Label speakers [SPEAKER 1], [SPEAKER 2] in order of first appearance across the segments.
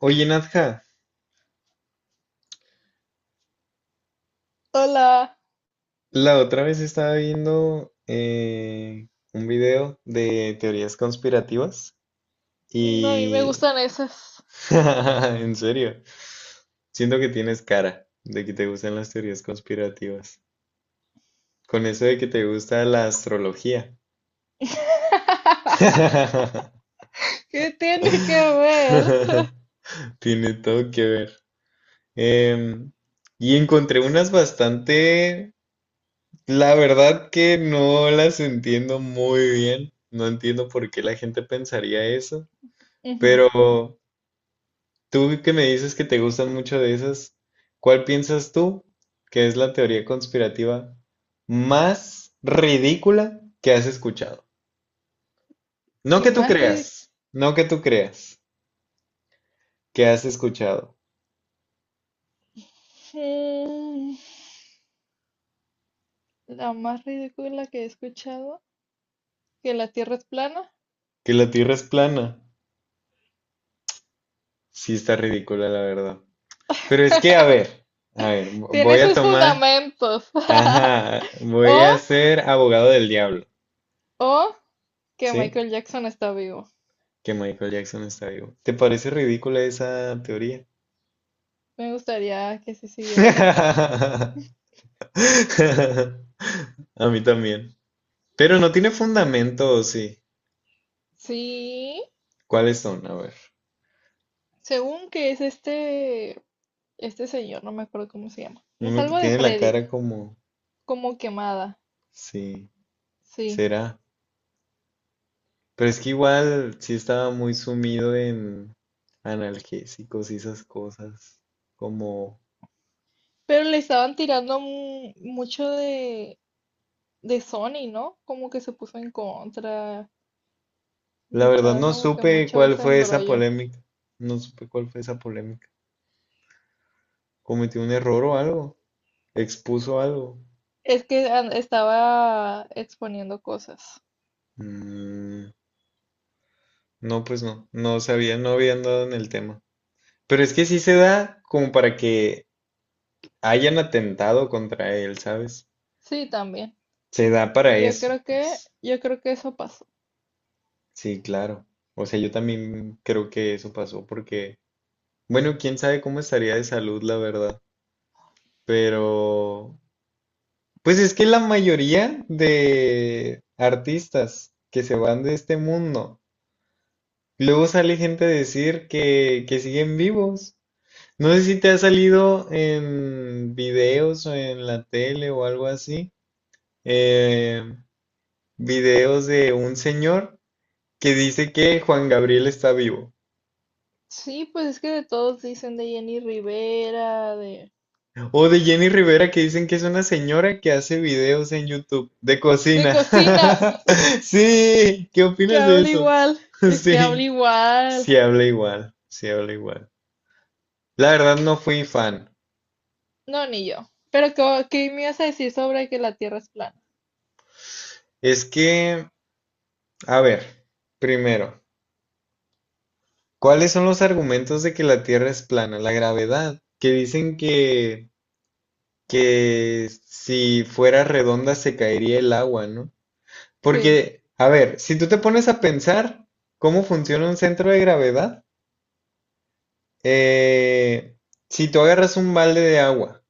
[SPEAKER 1] Oye, Nadja,
[SPEAKER 2] Hola.
[SPEAKER 1] la otra vez estaba viendo un video de teorías conspirativas
[SPEAKER 2] No, a mí me
[SPEAKER 1] y
[SPEAKER 2] gustan esas.
[SPEAKER 1] en serio, siento que tienes cara de que te gustan las teorías conspirativas. Con eso de que te gusta la astrología.
[SPEAKER 2] ¿Qué tiene que ver?
[SPEAKER 1] Tiene todo que ver. Em, y encontré unas bastante. La verdad que no las entiendo muy bien. No entiendo por qué la gente pensaría eso.
[SPEAKER 2] Ujú.
[SPEAKER 1] Pero tú que me dices que te gustan mucho de esas, ¿cuál piensas tú que es la teoría conspirativa más ridícula que has escuchado? No
[SPEAKER 2] ¿Qué
[SPEAKER 1] que tú
[SPEAKER 2] más
[SPEAKER 1] creas,
[SPEAKER 2] ridícula?
[SPEAKER 1] no que tú creas, que has escuchado.
[SPEAKER 2] La más ridícula que he escuchado, que la Tierra es plana.
[SPEAKER 1] Que la Tierra es plana. Sí está ridícula, la verdad. Pero es que, a ver,
[SPEAKER 2] Tiene
[SPEAKER 1] voy a
[SPEAKER 2] sus
[SPEAKER 1] tomar.
[SPEAKER 2] fundamentos.
[SPEAKER 1] Ajá, voy
[SPEAKER 2] O,
[SPEAKER 1] a ser abogado del diablo.
[SPEAKER 2] o que
[SPEAKER 1] ¿Sí?
[SPEAKER 2] Michael Jackson está vivo.
[SPEAKER 1] Que Michael Jackson está vivo. ¿Te parece ridícula esa teoría?
[SPEAKER 2] Me gustaría que sí siguiera vivo.
[SPEAKER 1] A mí también. Pero no tiene fundamento, ¿o sí?
[SPEAKER 2] Sí,
[SPEAKER 1] ¿Cuáles son? A ver.
[SPEAKER 2] según que es este señor, no me acuerdo cómo se llama. No. Es
[SPEAKER 1] Uno que
[SPEAKER 2] algo de
[SPEAKER 1] tiene la
[SPEAKER 2] Freddy,
[SPEAKER 1] cara como...
[SPEAKER 2] como quemada.
[SPEAKER 1] Sí,
[SPEAKER 2] Sí.
[SPEAKER 1] será. Pero es que igual sí estaba muy sumido en analgésicos y esas cosas. Como...
[SPEAKER 2] Pero le estaban tirando mucho de Sony, ¿no? Como que se puso en contra
[SPEAKER 1] La
[SPEAKER 2] y
[SPEAKER 1] verdad
[SPEAKER 2] estaba
[SPEAKER 1] no
[SPEAKER 2] como que
[SPEAKER 1] supe
[SPEAKER 2] mucho
[SPEAKER 1] cuál
[SPEAKER 2] ese
[SPEAKER 1] fue esa
[SPEAKER 2] embrollo.
[SPEAKER 1] polémica. No supe cuál fue esa polémica. ¿Cometió un error o algo? ¿Expuso algo?
[SPEAKER 2] Es que estaba exponiendo cosas.
[SPEAKER 1] Mm, no, pues no, no sabía, no había andado en el tema. Pero es que sí se da como para que hayan atentado contra él, ¿sabes?
[SPEAKER 2] Sí, también.
[SPEAKER 1] Se da para
[SPEAKER 2] Y
[SPEAKER 1] eso, pues.
[SPEAKER 2] yo creo que eso pasó.
[SPEAKER 1] Sí, claro. O sea, yo también creo que eso pasó porque, bueno, quién sabe cómo estaría de salud, la verdad. Pero, pues es que la mayoría de artistas que se van de este mundo, luego sale gente a decir que siguen vivos. No sé si te ha salido en videos o en la tele o algo así, eh, videos de un señor que dice que Juan Gabriel está vivo.
[SPEAKER 2] Sí, pues es que de todos dicen de Jenny Rivera,
[SPEAKER 1] O de Jenny Rivera que dicen que es una señora que hace videos en YouTube de
[SPEAKER 2] de
[SPEAKER 1] cocina.
[SPEAKER 2] cocina,
[SPEAKER 1] Sí, ¿qué
[SPEAKER 2] que
[SPEAKER 1] opinas de
[SPEAKER 2] habla
[SPEAKER 1] eso?
[SPEAKER 2] igual, es que habla
[SPEAKER 1] Sí,
[SPEAKER 2] igual.
[SPEAKER 1] sí habla igual, sí habla igual. La verdad no fui fan.
[SPEAKER 2] No, ni yo. Pero, ¿ qué me ibas a decir sobre que la Tierra es plana?
[SPEAKER 1] Es que, a ver, primero, ¿cuáles son los argumentos de que la Tierra es plana? La gravedad, que dicen que si fuera redonda se caería el agua, ¿no?
[SPEAKER 2] Sí.
[SPEAKER 1] Porque, a ver, si tú te pones a pensar cómo funciona un centro de gravedad, eh, si tú agarras un balde de agua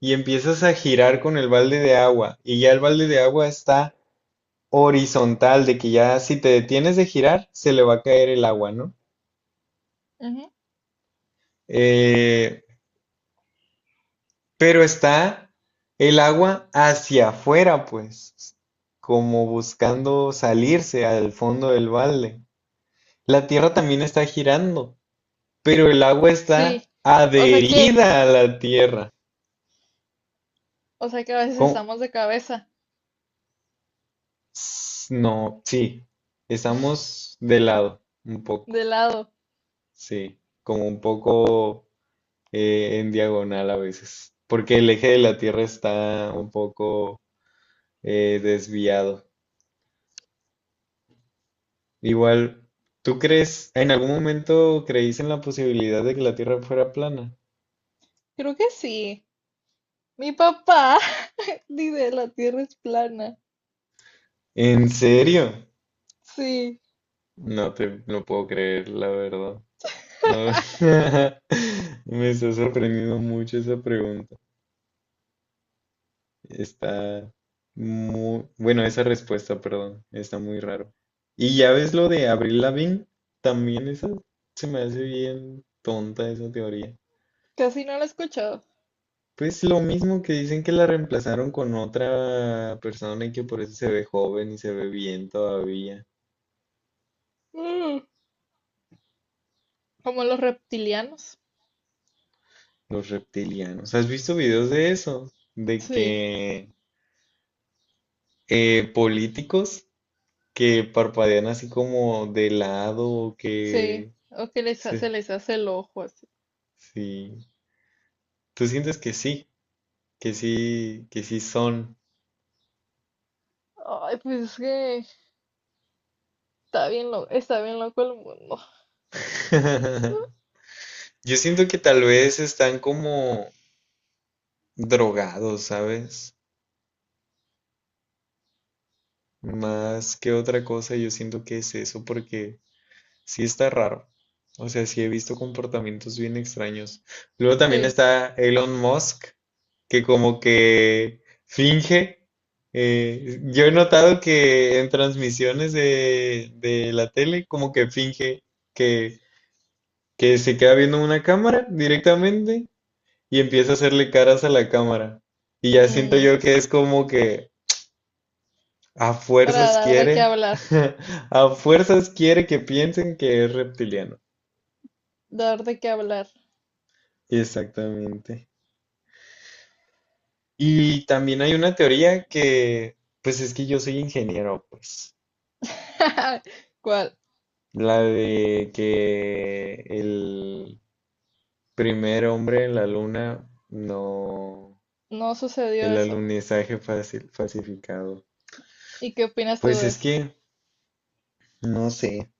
[SPEAKER 1] y empiezas a girar con el balde de agua y ya el balde de agua está horizontal, de que ya si te detienes de girar, se le va a caer el agua, ¿no? Eh, pero está el agua hacia afuera pues, como buscando salirse al fondo del balde. La tierra también está girando, pero el agua
[SPEAKER 2] Sí,
[SPEAKER 1] está
[SPEAKER 2] o sea que,
[SPEAKER 1] adherida a la tierra.
[SPEAKER 2] o sea que a veces
[SPEAKER 1] ¿Cómo?
[SPEAKER 2] estamos de cabeza,
[SPEAKER 1] No, sí, estamos de lado, un poco,
[SPEAKER 2] de lado.
[SPEAKER 1] sí, como un poco en diagonal a veces, porque el eje de la tierra está un poco desviado. Igual, ¿tú crees, en algún momento creíste en la posibilidad de que la Tierra fuera plana?
[SPEAKER 2] Creo que sí. Mi papá dice la Tierra es plana.
[SPEAKER 1] ¿En serio?
[SPEAKER 2] Sí,
[SPEAKER 1] No te lo puedo creer, la verdad. No, me está sorprendiendo mucho esa pregunta. Está muy, bueno, esa respuesta, perdón, está muy raro. Y ya ves lo de Avril Lavigne, también esa se me hace bien tonta esa teoría.
[SPEAKER 2] casi no lo he escuchado.
[SPEAKER 1] Pues lo mismo que dicen que la reemplazaron con otra persona y que por eso se ve joven y se ve bien todavía.
[SPEAKER 2] Mm, como los reptilianos.
[SPEAKER 1] Los reptilianos. ¿Has visto videos de eso? De
[SPEAKER 2] Sí,
[SPEAKER 1] que políticos que parpadean así como de lado o
[SPEAKER 2] sí.
[SPEAKER 1] que...
[SPEAKER 2] O que
[SPEAKER 1] Sí,
[SPEAKER 2] se les hace el ojo así.
[SPEAKER 1] sí. ¿Tú sientes que sí? Que sí, que sí son.
[SPEAKER 2] Ay, pues es que está bien loco el mundo.
[SPEAKER 1] Yo siento que tal vez están como drogados, ¿sabes? Más que otra cosa, yo siento que es eso porque sí está raro. O sea, sí he visto comportamientos bien extraños. Luego también
[SPEAKER 2] Sí.
[SPEAKER 1] está Elon Musk, que como que finge. Yo he notado que en transmisiones de la tele, como que finge que, que se queda viendo una cámara directamente y empieza a hacerle caras a la cámara. Y ya siento
[SPEAKER 2] Mm,
[SPEAKER 1] yo que es como que, a
[SPEAKER 2] para
[SPEAKER 1] fuerzas
[SPEAKER 2] dar de qué
[SPEAKER 1] quiere,
[SPEAKER 2] hablar,
[SPEAKER 1] a fuerzas quiere que piensen que es reptiliano.
[SPEAKER 2] dar de qué hablar.
[SPEAKER 1] Exactamente. Y también hay una teoría que, pues es que yo soy ingeniero, pues,
[SPEAKER 2] ¿Cuál?
[SPEAKER 1] la de que el primer hombre en la luna no,
[SPEAKER 2] No sucedió
[SPEAKER 1] el
[SPEAKER 2] eso.
[SPEAKER 1] alunizaje fácil, falsificado.
[SPEAKER 2] ¿Y qué opinas tú
[SPEAKER 1] Pues
[SPEAKER 2] de
[SPEAKER 1] es
[SPEAKER 2] eso?
[SPEAKER 1] que, no sé,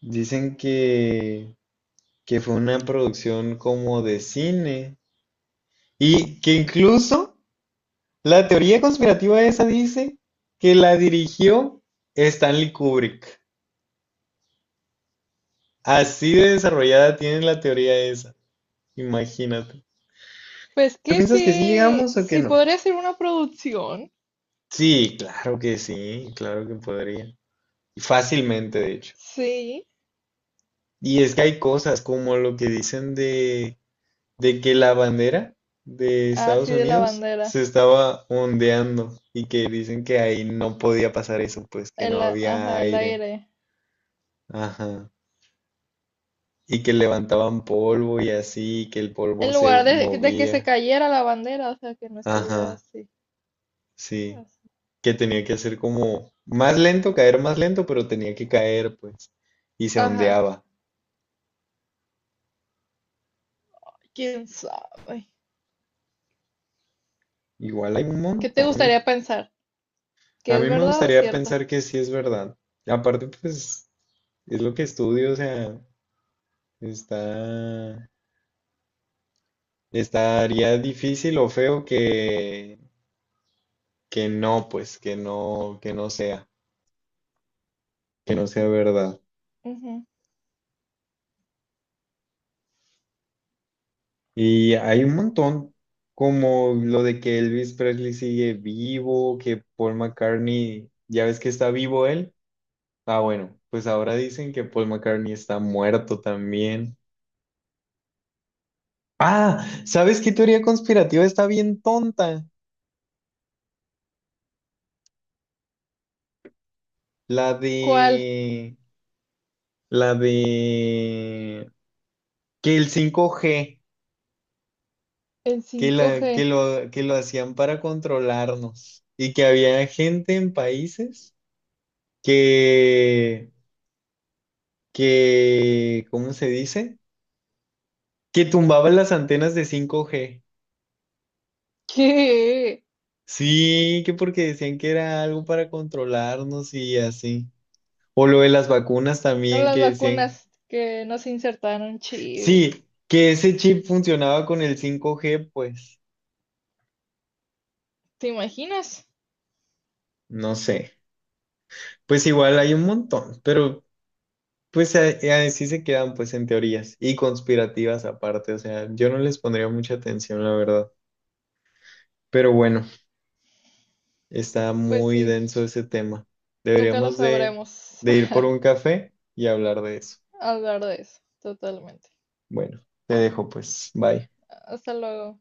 [SPEAKER 1] dicen que fue una producción como de cine y que incluso... La teoría conspirativa esa dice que la dirigió Stanley Kubrick. Así de desarrollada tiene la teoría esa. Imagínate.
[SPEAKER 2] Pues
[SPEAKER 1] ¿Tú
[SPEAKER 2] que
[SPEAKER 1] piensas que sí
[SPEAKER 2] sí,
[SPEAKER 1] llegamos o que
[SPEAKER 2] sí
[SPEAKER 1] no?
[SPEAKER 2] podría ser una producción,
[SPEAKER 1] Sí, claro que podría. Y fácilmente, de hecho.
[SPEAKER 2] sí,
[SPEAKER 1] Y es que hay cosas como lo que dicen de que la bandera de
[SPEAKER 2] así
[SPEAKER 1] Estados
[SPEAKER 2] de la
[SPEAKER 1] Unidos
[SPEAKER 2] bandera,
[SPEAKER 1] se estaba ondeando y que dicen que ahí no podía pasar eso, pues que no había
[SPEAKER 2] ajá, el
[SPEAKER 1] aire.
[SPEAKER 2] aire,
[SPEAKER 1] Ajá. Y que levantaban polvo y así, que el polvo
[SPEAKER 2] en
[SPEAKER 1] se
[SPEAKER 2] lugar de que se
[SPEAKER 1] movía.
[SPEAKER 2] cayera la bandera, o sea, que no estuviera
[SPEAKER 1] Ajá,
[SPEAKER 2] así,
[SPEAKER 1] sí.
[SPEAKER 2] así.
[SPEAKER 1] Que tenía que hacer como más lento, caer más lento, pero tenía que caer, pues. Y se
[SPEAKER 2] Ajá,
[SPEAKER 1] ondeaba.
[SPEAKER 2] quién sabe.
[SPEAKER 1] Igual hay un
[SPEAKER 2] ¿Qué te
[SPEAKER 1] montón.
[SPEAKER 2] gustaría pensar?
[SPEAKER 1] A
[SPEAKER 2] ¿Que
[SPEAKER 1] mí
[SPEAKER 2] es
[SPEAKER 1] me
[SPEAKER 2] verdad o
[SPEAKER 1] gustaría
[SPEAKER 2] cierta?
[SPEAKER 1] pensar que sí es verdad. Aparte, pues, es lo que estudio, o sea, está, estaría difícil o feo que no, pues, que no sea verdad.
[SPEAKER 2] Ujú.
[SPEAKER 1] Y hay un montón, como lo de que Elvis Presley sigue vivo, que Paul McCartney, ya ves que está vivo él. Ah, bueno, pues ahora dicen que Paul McCartney está muerto también. Ah, ¿sabes qué teoría conspirativa está bien tonta? La
[SPEAKER 2] ¿Cuál?
[SPEAKER 1] de, la de que el 5G,
[SPEAKER 2] El
[SPEAKER 1] que
[SPEAKER 2] cinco
[SPEAKER 1] la, que
[SPEAKER 2] g
[SPEAKER 1] lo, que lo hacían para controlarnos y que había gente en países que que, ¿cómo se dice? Que tumbaban las antenas de 5G.
[SPEAKER 2] ¿Qué?
[SPEAKER 1] Sí, que porque decían que era algo para controlarnos y así. O lo de las vacunas
[SPEAKER 2] No,
[SPEAKER 1] también
[SPEAKER 2] las
[SPEAKER 1] que decían.
[SPEAKER 2] vacunas que nos insertaron chip.
[SPEAKER 1] Sí, que ese chip funcionaba con el 5G, pues
[SPEAKER 2] ¿Te imaginas?
[SPEAKER 1] no sé. Pues igual hay un montón, pero pues así se quedan pues en teorías y conspirativas aparte. O sea, yo no les pondría mucha atención, la verdad. Pero bueno. Está
[SPEAKER 2] Pues
[SPEAKER 1] muy
[SPEAKER 2] sí,
[SPEAKER 1] denso ese tema.
[SPEAKER 2] nunca lo
[SPEAKER 1] Deberíamos
[SPEAKER 2] sabremos.
[SPEAKER 1] de ir por un café y hablar de eso.
[SPEAKER 2] Hablar de eso, totalmente.
[SPEAKER 1] Bueno, te dejo pues. Bye.
[SPEAKER 2] Hasta luego.